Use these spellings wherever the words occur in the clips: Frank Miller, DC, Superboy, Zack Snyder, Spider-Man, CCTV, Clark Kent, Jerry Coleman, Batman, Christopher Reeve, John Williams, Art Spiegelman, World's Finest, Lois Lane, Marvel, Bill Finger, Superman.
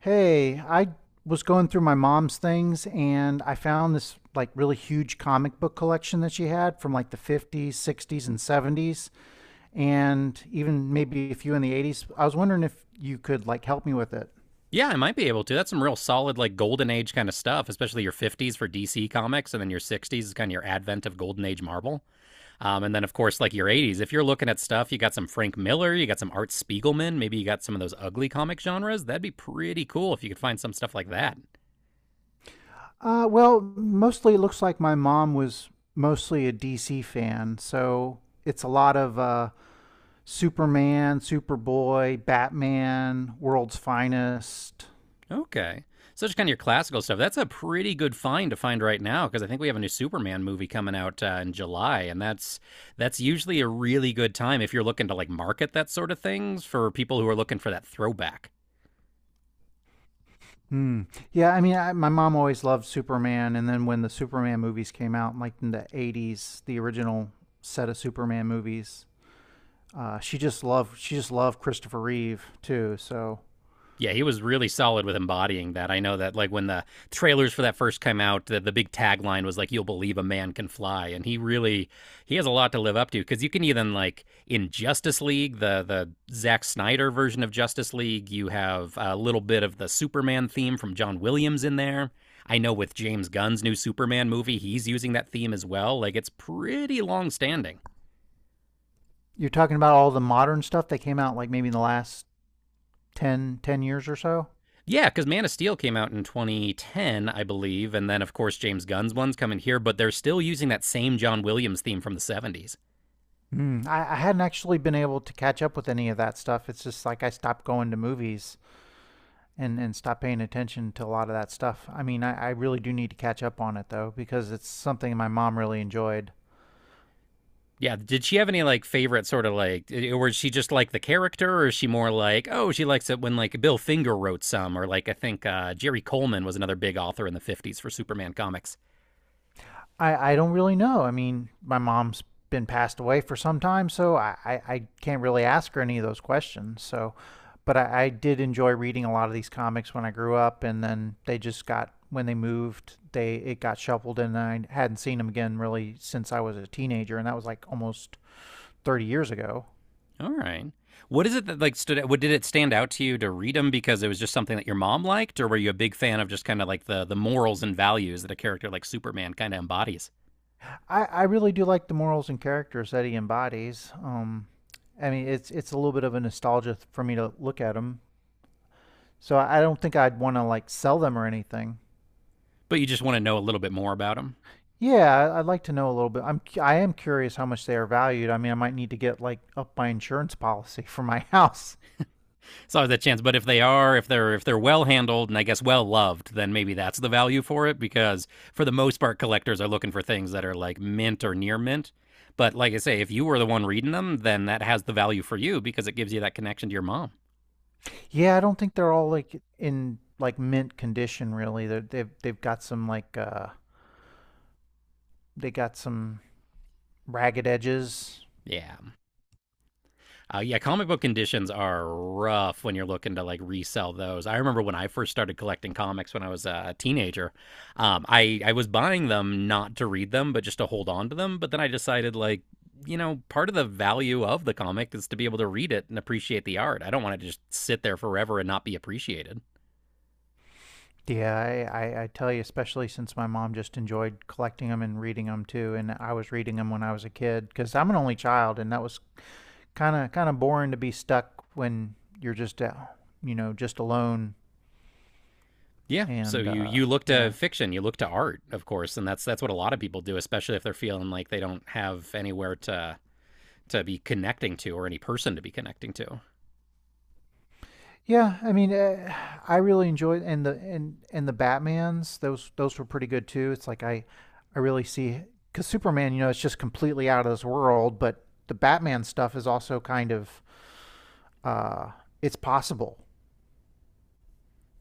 Hey, I was going through my mom's things and I found this really huge comic book collection that she had from like the 50s, 60s, and 70s, and even maybe a few in the 80s. I was wondering if you could help me with it. Yeah, I might be able to. That's some real solid, like, golden age kind of stuff, especially your 50s for DC comics, and then your 60s is kind of your advent of golden age Marvel. And then, of course, like your 80s, if you're looking at stuff, you got some Frank Miller, you got some Art Spiegelman, maybe you got some of those ugly comic genres. That'd be pretty cool if you could find some stuff like that. Well, mostly it looks like my mom was mostly a DC fan, so it's a lot of Superman, Superboy, Batman, World's Finest. Okay. So just kind of your classical stuff. That's a pretty good find to find right now because I think we have a new Superman movie coming out in July, and that's usually a really good time if you're looking to like market that sort of things for people who are looking for that throwback. Hmm. Yeah, I mean, my mom always loved Superman, and then when the Superman movies came out, like in the '80s, the original set of Superman movies, she just loved Christopher Reeve too. So Yeah, he was really solid with embodying that. I know that, like, when the trailers for that first came out, the big tagline was like, you'll believe a man can fly, and he really, he has a lot to live up to, cuz you can even like in Justice League, the Zack Snyder version of Justice League, you have a little bit of the Superman theme from John Williams in there. I know with James Gunn's new Superman movie, he's using that theme as well. Like, it's pretty long standing. you're talking about all the modern stuff that came out, like maybe in the last 10 years or so. Yeah, because Man of Steel came out in 2010, I believe, and then of course James Gunn's one's coming here, but they're still using that same John Williams theme from the 70s. Hmm. I hadn't actually been able to catch up with any of that stuff. It's just like I stopped going to movies and stopped paying attention to a lot of that stuff. I mean, I really do need to catch up on it though because it's something my mom really enjoyed. Yeah, did she have any like favorite sort of, like, or is she just like the character, or is she more like, oh, she likes it when like Bill Finger wrote some, or like I think Jerry Coleman was another big author in the 50s for Superman comics. I don't really know. I mean, my mom's been passed away for some time, so I can't really ask her any of those questions. So, but I did enjoy reading a lot of these comics when I grew up, and then they just got when they moved, they it got shuffled, and I hadn't seen them again really since I was a teenager, and that was like almost 30 years ago. All right. What is it that like stood out? What did it stand out to you to read them because it was just something that your mom liked, or were you a big fan of just kind of like the morals and values that a character like Superman kind of embodies? I really do like the morals and characters that he embodies. I mean, it's a little bit of a nostalgia for me to look at them. So I don't think I'd want to like sell them or anything. But you just want to know a little bit more about them. Yeah, I'd like to know a little bit. I am curious how much they are valued. I mean, I might need to get up my insurance policy for my house. It's always that chance. But if they are, if they're, if they're well handled and I guess well loved, then maybe that's the value for it because for the most part, collectors are looking for things that are like mint or near mint. But like I say, if you were the one reading them, then that has the value for you because it gives you that connection to your mom. Yeah, I don't think they're all in like mint condition really. They've got some like they got some ragged edges. Yeah. Yeah, comic book conditions are rough when you're looking to like resell those. I remember when I first started collecting comics when I was a teenager. I was buying them not to read them, but just to hold on to them. But then I decided, like, part of the value of the comic is to be able to read it and appreciate the art. I don't want it to just sit there forever and not be appreciated. Yeah, I tell you, especially since my mom just enjoyed collecting them and reading them too, and I was reading them when I was a kid because I'm an only child, and that was kind of boring to be stuck when you're just just alone Yeah, so and you you look to yeah. fiction, you look to art, of course, and that's what a lot of people do, especially if they're feeling like they don't have anywhere to be connecting to or any person to be connecting to. Yeah. I mean, I really enjoyed and the Batman's, those were pretty good too. It's like I really see because Superman, you know, it's just completely out of this world, but the Batman stuff is also kind of uh, it's possible.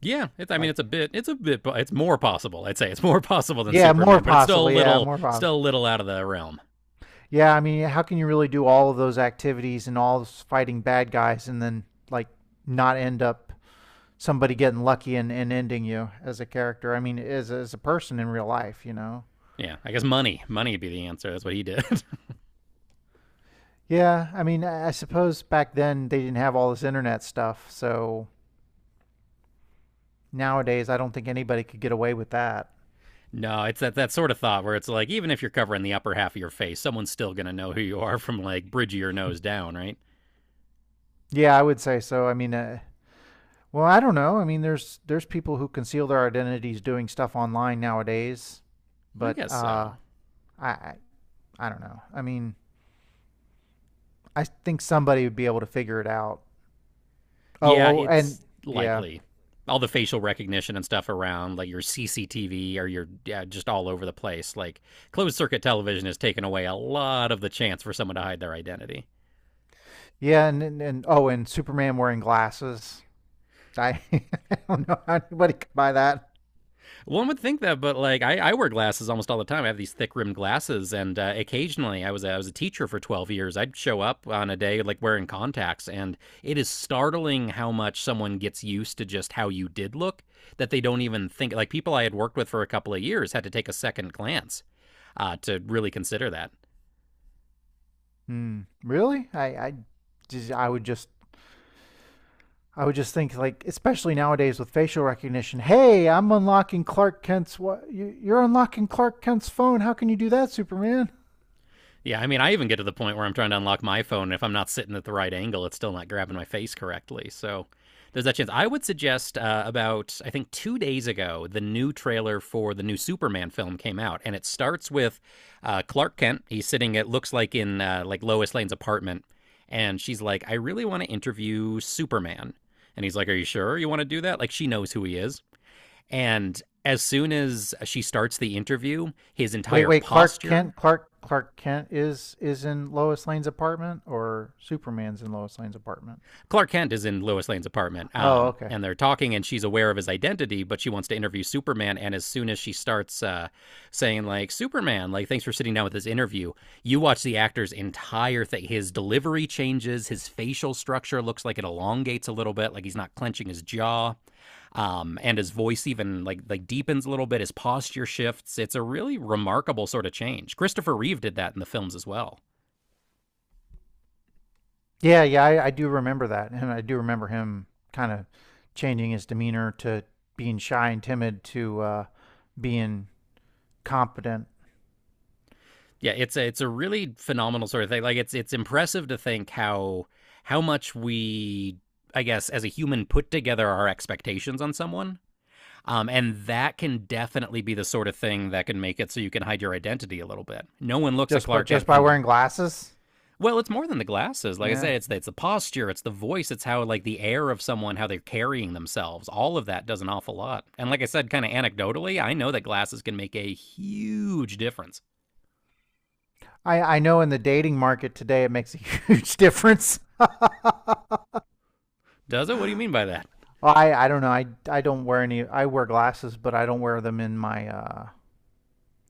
Yeah, it's, I mean, Like, it's a bit, it's a bit, it's more possible. I'd say it's more possible than yeah, more Superman, but it's possible. Yeah, more possible. still a little out of the realm. Yeah, I mean, how can you really do all of those activities and all this fighting bad guys and then like not end up somebody getting lucky and, ending you as a character. I mean, as a person in real life, you know. Yeah, I guess money, money would be the answer. That's what he did. Yeah, I mean, I suppose back then they didn't have all this internet stuff, so nowadays I don't think anybody could get away with that. No, it's that, that sort of thought where it's like, even if you're covering the upper half of your face, someone's still gonna know who you are from like bridge of your nose down, right? Yeah, I would say so. I mean, well, I don't know. I mean, there's people who conceal their identities doing stuff online nowadays, I but guess so. I I, I don't know. I mean, I think somebody would be able to figure it out. Yeah, Oh, oh, and it's yeah. likely. All the facial recognition and stuff around, like your CCTV or your, yeah, just all over the place. Like, closed circuit television has taken away a lot of the chance for someone to hide their identity. Yeah, and oh, and Superman wearing glasses. I, I don't know how anybody could buy that. One would think that, but like I wear glasses almost all the time. I have these thick rimmed glasses, and occasionally I was a teacher for 12 years. I'd show up on a day like wearing contacts, and it is startling how much someone gets used to just how you did look that they don't even think. Like, people I had worked with for a couple of years had to take a second glance to really consider that. Hmm. Really? Just I would just I would just think like especially nowadays with facial recognition. Hey, I'm unlocking Clark Kent's what you, you're unlocking Clark Kent's phone. How can you do that, Superman? Yeah, I mean, I even get to the point where I'm trying to unlock my phone. And if I'm not sitting at the right angle, it's still not grabbing my face correctly. So there's that chance. I would suggest about, I think, 2 days ago, the new trailer for the new Superman film came out. And it starts with Clark Kent. He's sitting, it looks like, in like Lois Lane's apartment. And she's like, I really want to interview Superman. And he's like, are you sure you want to do that? Like, she knows who he is. And as soon as she starts the interview, his Wait, entire wait, posture. Clark Kent is in Lois Lane's apartment or Superman's in Lois Lane's apartment? Clark Kent is in Lois Lane's apartment, Oh, okay. and they're talking, and she's aware of his identity, but she wants to interview Superman. And as soon as she starts saying like, Superman, like, thanks for sitting down with this interview, you watch the actor's entire thing. His delivery changes, his facial structure looks like it elongates a little bit, like he's not clenching his jaw, and his voice even like deepens a little bit. His posture shifts. It's a really remarkable sort of change. Christopher Reeve did that in the films as well. Yeah, yeah, I do remember that, and I do remember him kind of changing his demeanor to being shy and timid to being competent Yeah, it's a, it's a really phenomenal sort of thing. Like, it's impressive to think how much we, I guess, as a human put together our expectations on someone. And that can definitely be the sort of thing that can make it so you can hide your identity a little bit. No one looks at just Clark Kent, by wearing and glasses. well, it's more than the glasses. Like I Yeah, said, it's the posture, it's the voice, it's how like the air of someone, how they're carrying themselves. All of that does an awful lot. And like I said, kind of anecdotally, I know that glasses can make a huge difference. I know in the dating market today it makes a huge difference. Does it? What do you mean by that? Well, I don't know. I don't wear any. I wear glasses, but I don't wear them in my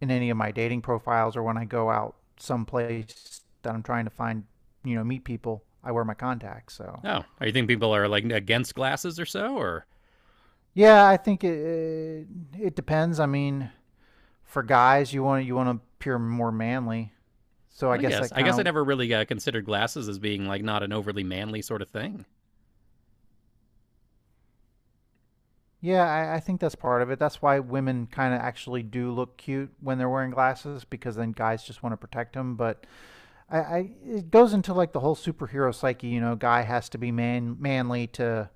in any of my dating profiles or when I go out someplace that I'm trying to find you know meet people. I wear my contacts, so. Oh, are you think people are like against glasses or so? Or, Yeah, I think it it depends. I mean, for guys, you want to appear more manly. So I well, guess that I kind guess I of never really considered glasses as being like not an overly manly sort of thing. yeah, I think that's part of it. That's why women kind of actually do look cute when they're wearing glasses because then guys just want to protect them. But I it goes into like the whole superhero psyche. You know, guy has to be manly to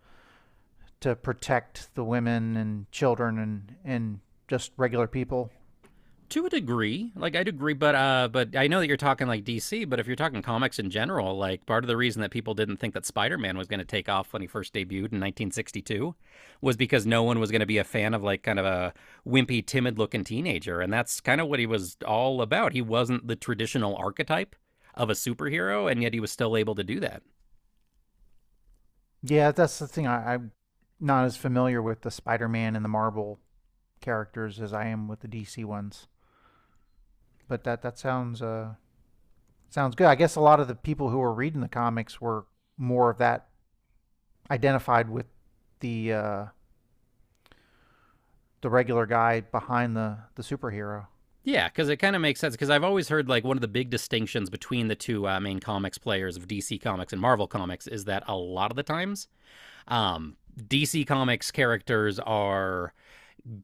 protect the women and children and just regular people. To a degree, like, I would agree, but I know that you're talking like DC, but if you're talking comics in general, like, part of the reason that people didn't think that Spider-Man was going to take off when he first debuted in 1962 was because no one was going to be a fan of like kind of a wimpy, timid looking teenager, and that's kind of what he was all about. He wasn't the traditional archetype of a superhero, and yet he was still able to do that. Yeah, that's the thing. I'm not as familiar with the Spider-Man and the Marvel characters as I am with the DC ones. But that sounds sounds good. I guess a lot of the people who were reading the comics were more of that identified with the uh the regular guy behind the superhero. Yeah, because it kind of makes sense. Because I've always heard like one of the big distinctions between the two main comics players of DC Comics and Marvel Comics is that a lot of the times, DC Comics characters are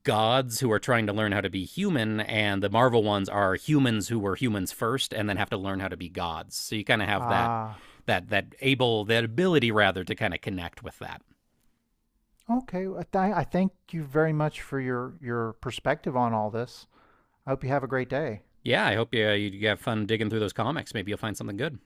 gods who are trying to learn how to be human, and the Marvel ones are humans who were humans first and then have to learn how to be gods. So you kind of have that, Ah, that that able that ability rather to kind of connect with that. Okay. I thank you very much for your perspective on all this. I hope you have a great day. Yeah, I hope, yeah, you have fun digging through those comics. Maybe you'll find something good.